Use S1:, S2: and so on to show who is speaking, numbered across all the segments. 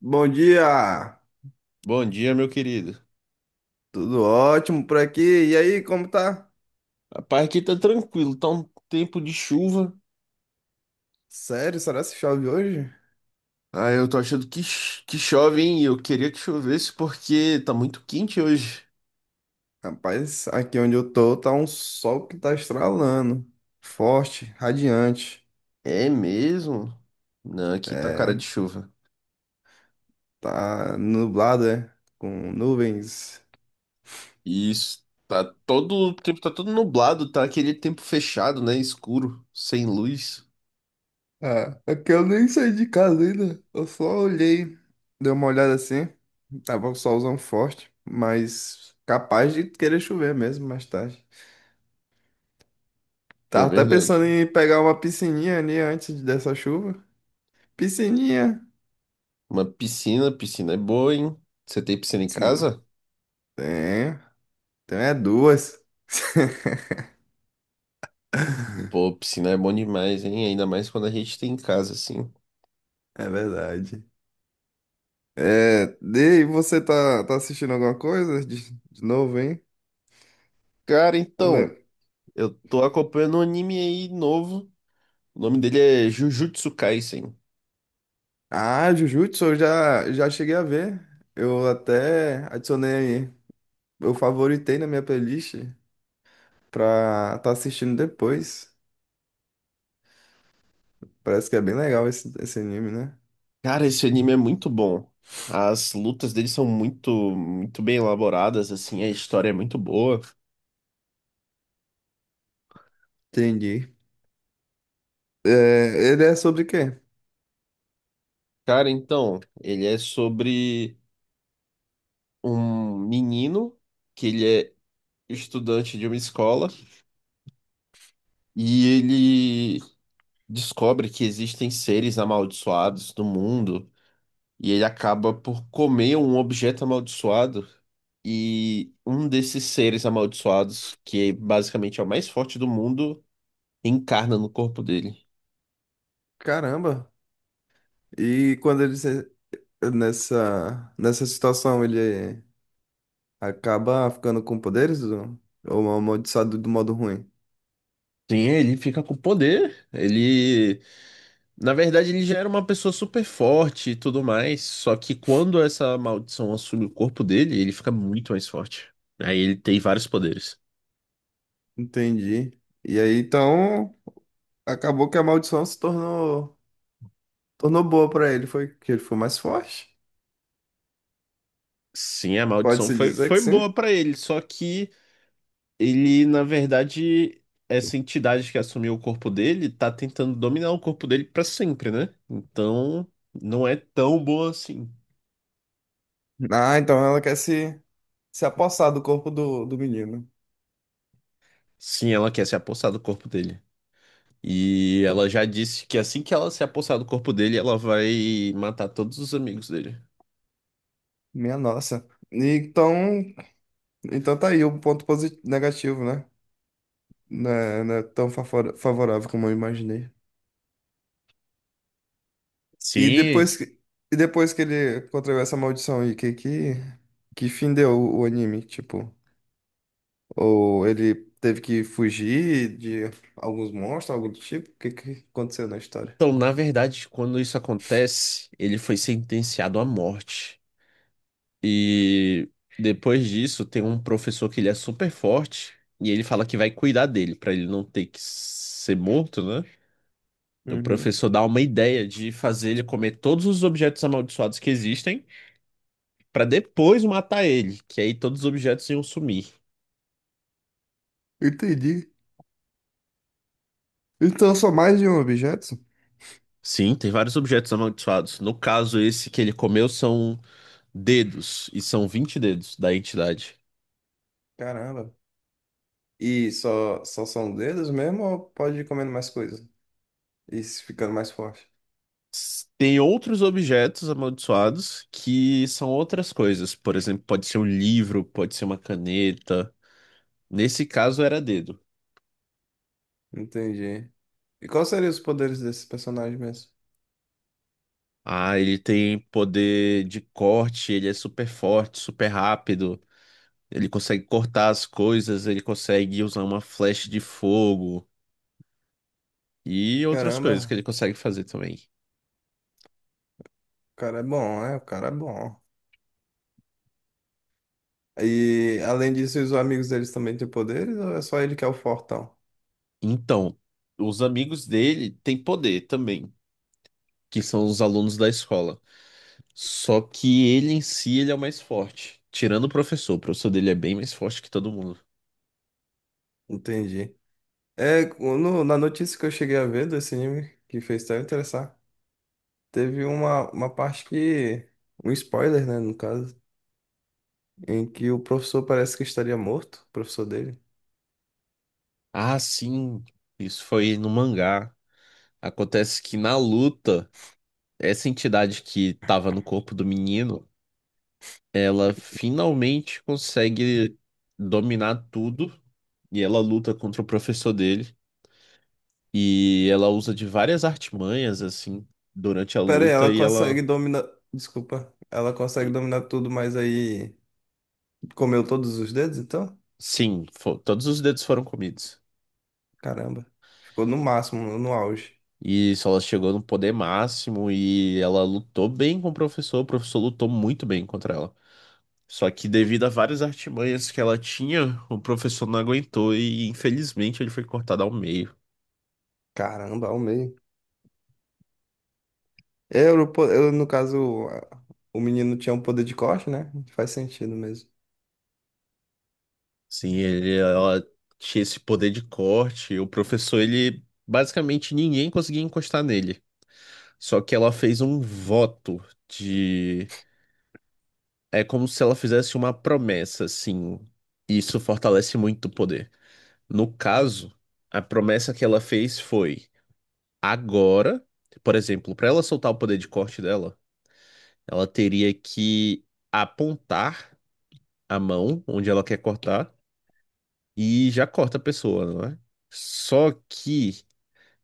S1: Bom dia!
S2: Bom dia, meu querido.
S1: Tudo ótimo por aqui. E aí, como tá?
S2: Rapaz, aqui tá tranquilo, tá um tempo de chuva.
S1: Sério, será que chove hoje?
S2: Ah, eu tô achando que chove, hein? Eu queria que chovesse porque tá muito quente hoje.
S1: Rapaz, aqui onde eu tô tá um sol que tá estralando. Forte, radiante.
S2: É mesmo? Não, aqui tá cara de
S1: É,
S2: chuva.
S1: tá nublado, é? Com nuvens.
S2: E isso, tá todo o tempo, tá todo nublado, tá aquele tempo fechado, né? Escuro, sem luz.
S1: Ah, é que eu nem saí de casa ainda. Eu só olhei, dei uma olhada assim. Tava um solzão forte, mas capaz de querer chover mesmo mais tarde.
S2: É
S1: Tava até
S2: verdade.
S1: pensando em pegar uma piscininha ali antes dessa chuva. Piscininha.
S2: Uma piscina, piscina é boa, hein? Você tem piscina em casa?
S1: Tem. Tem é duas.
S2: Pô, piscina é bom demais, hein? Ainda mais quando a gente tem em casa, assim.
S1: É verdade. É, e você tá assistindo alguma coisa de novo, hein?
S2: Cara, então.
S1: Le-
S2: Eu tô acompanhando um anime aí novo. O nome dele é Jujutsu Kaisen.
S1: Ah, Jujutsu, eu já cheguei a ver. Eu até adicionei, eu favoritei na minha playlist pra tá assistindo depois. Parece que é bem legal esse anime, né?
S2: Cara, esse anime é muito bom. As lutas dele são muito, muito bem elaboradas, assim, a história é muito boa.
S1: Entendi. É, ele é sobre o quê?
S2: Cara, então, ele é sobre um menino que ele é estudante de uma escola e ele descobre que existem seres amaldiçoados no mundo. E ele acaba por comer um objeto amaldiçoado. E um desses seres amaldiçoados, que é basicamente é o mais forte do mundo, encarna no corpo dele.
S1: Caramba. E quando ele nessa situação, ele acaba ficando com poderes ou é amaldiçoado do modo ruim?
S2: Sim, ele fica com poder. Ele, na verdade, ele já era uma pessoa super forte e tudo mais. Só que quando essa maldição assume o corpo dele, ele fica muito mais forte. Aí ele tem vários poderes.
S1: Entendi. E aí, então, acabou que a maldição se tornou, tornou boa pra ele. Foi que ele foi mais forte.
S2: Sim, a maldição
S1: Pode-se
S2: foi,
S1: dizer que
S2: foi
S1: sim.
S2: boa pra ele, só que ele, na verdade, essa entidade que assumiu o corpo dele tá tentando dominar o corpo dele pra sempre, né? Então, não é tão boa assim.
S1: Ah, então ela quer se, se apossar do corpo do menino.
S2: Sim, ela quer se apossar do corpo dele. E ela já disse que assim que ela se apossar do corpo dele, ela vai matar todos os amigos dele.
S1: Minha nossa. E então, então tá aí o ponto positivo, negativo, né? Não é tão favorável como eu imaginei. E
S2: Sim.
S1: depois e depois que ele contraiu essa maldição aí, que fim deu o anime? Tipo, ou ele teve que fugir de alguns monstros, algo do tipo? Que aconteceu na história?
S2: Então, na verdade, quando isso acontece, ele foi sentenciado à morte. E depois disso, tem um professor que ele é super forte e ele fala que vai cuidar dele pra ele não ter que ser morto, né? O
S1: Uhum.
S2: professor dá uma ideia de fazer ele comer todos os objetos amaldiçoados que existem pra depois matar ele, que aí todos os objetos iam sumir.
S1: Entendi. Então só mais de um objeto?
S2: Sim, tem vários objetos amaldiçoados. No caso, esse que ele comeu são dedos, e são 20 dedos da entidade.
S1: Caramba. E só são dedos mesmo ou pode ir comendo mais coisas? E se ficando mais forte?
S2: Tem outros objetos amaldiçoados que são outras coisas. Por exemplo, pode ser um livro, pode ser uma caneta. Nesse caso era dedo.
S1: Entendi. E quais seriam os poderes desse personagem mesmo?
S2: Ah, ele tem poder de corte, ele é super forte, super rápido. Ele consegue cortar as coisas, ele consegue usar uma flecha de fogo e outras coisas que ele
S1: Caramba,
S2: consegue fazer também.
S1: o cara é bom, né? O cara é bom. E além disso, os amigos deles também têm poderes ou é só ele que é o fortão?
S2: Então, os amigos dele têm poder também, que são os alunos da escola. Só que ele em si, ele é o mais forte. Tirando o professor dele é bem mais forte que todo mundo.
S1: Entendi. É, na notícia que eu cheguei a ver desse anime, que fez até eu interessar, teve uma parte que. Um spoiler, né, no caso, em que o professor parece que estaria morto, o professor dele.
S2: Ah, sim, isso foi no mangá. Acontece que na luta, essa entidade que tava no corpo do menino, ela finalmente consegue dominar tudo e ela luta contra o professor dele e ela usa de várias artimanhas assim durante a
S1: Pera aí,
S2: luta
S1: ela
S2: e ela
S1: consegue dominar. Desculpa. Ela consegue dominar tudo, mas aí comeu todos os dedos, então?
S2: Sim, todos os dedos foram comidos.
S1: Caramba. Ficou no máximo, no auge.
S2: E isso, ela chegou no poder máximo e ela lutou bem com o professor. O professor lutou muito bem contra ela. Só que devido a várias artimanhas que ela tinha, o professor não aguentou e infelizmente ele foi cortado ao meio.
S1: Caramba, ao meio. É, eu, eu, no caso, o menino tinha um poder de corte, né? Faz sentido mesmo.
S2: Sim, ele, ela tinha esse poder de corte. O professor, ele basicamente ninguém conseguia encostar nele. Só que ela fez um voto de. É como se ela fizesse uma promessa, assim. Isso fortalece muito o poder. No caso, a promessa que ela fez foi: agora, por exemplo, para ela soltar o poder de corte dela, ela teria que apontar a mão onde ela quer cortar e já corta a pessoa, não é? Só que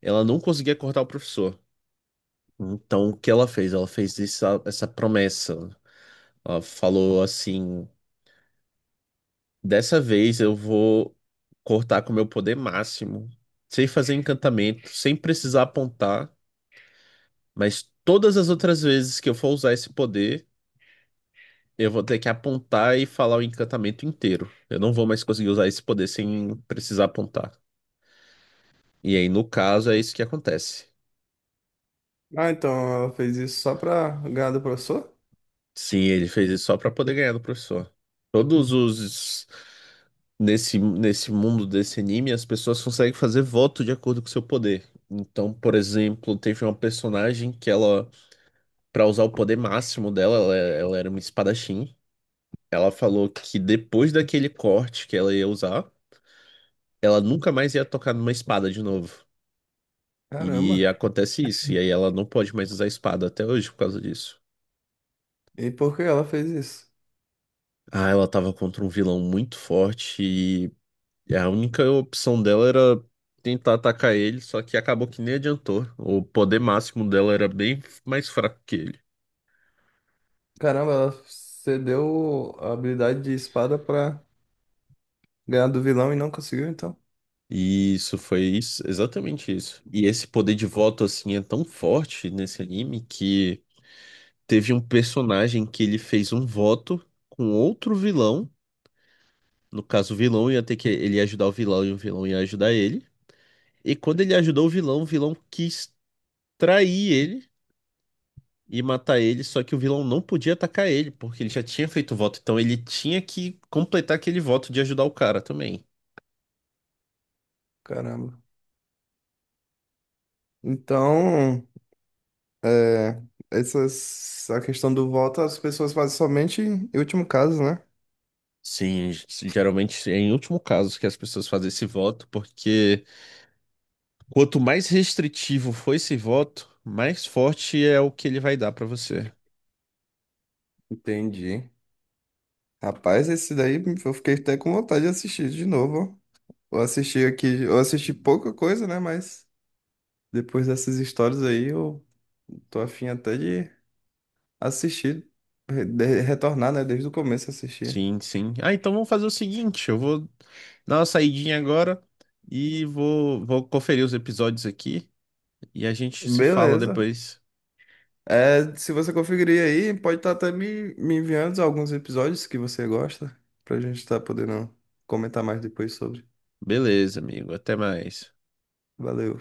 S2: ela não conseguia cortar o professor. Então, o que ela fez? Ela fez essa promessa. Ela falou assim: dessa vez eu vou cortar com o meu poder máximo, sem fazer encantamento, sem precisar apontar. Mas todas as outras vezes que eu for usar esse poder, eu vou ter que apontar e falar o encantamento inteiro. Eu não vou mais conseguir usar esse poder sem precisar apontar. E aí, no caso, é isso que acontece.
S1: Ah, então ela fez isso só pra ganhar do professor?
S2: Sim, ele fez isso só pra poder ganhar do professor. Todos os. Nesse mundo desse anime, as pessoas conseguem fazer voto de acordo com o seu poder. Então, por exemplo, teve uma personagem que ela, pra usar o poder máximo dela, ela era uma espadachim. Ela falou que depois daquele corte que ela ia usar, ela nunca mais ia tocar numa espada de novo. E
S1: Caramba.
S2: acontece isso, e aí ela não pode mais usar espada até hoje por causa disso.
S1: E por que ela fez isso?
S2: Ah, ela tava contra um vilão muito forte e a única opção dela era tentar atacar ele, só que acabou que nem adiantou. O poder máximo dela era bem mais fraco que ele.
S1: Caramba, ela cedeu a habilidade de espada pra ganhar do vilão e não conseguiu, então.
S2: E isso foi isso, exatamente isso. E esse poder de voto assim é tão forte nesse anime que teve um personagem que ele fez um voto com outro vilão. No caso, o vilão ia ter que ele ia ajudar o vilão e o vilão ia ajudar ele. E quando ele ajudou o vilão quis trair ele e matar ele, só que o vilão não podia atacar ele, porque ele já tinha feito o voto, então ele tinha que completar aquele voto de ajudar o cara também.
S1: Caramba. Então, é, essas, a questão do voto as pessoas fazem somente em último caso, né?
S2: Sim, geralmente é em último caso que as pessoas fazem esse voto, porque quanto mais restritivo for esse voto, mais forte é o que ele vai dar pra você.
S1: Entendi. Rapaz, esse daí eu fiquei até com vontade de assistir de novo, ó. Eu assisti aqui, eu assisti pouca coisa, né? Mas depois dessas histórias aí, eu tô afim até de assistir, retornar, né? Desde o começo assistir.
S2: Sim, sim. Ah, então vamos fazer o seguinte, eu vou dar uma saidinha agora e vou conferir os episódios aqui e a gente se fala
S1: Beleza.
S2: depois.
S1: É, se você conferir aí, pode estar até me enviando alguns episódios que você gosta, pra gente estar podendo comentar mais depois sobre.
S2: Beleza, amigo. Até mais.
S1: Valeu.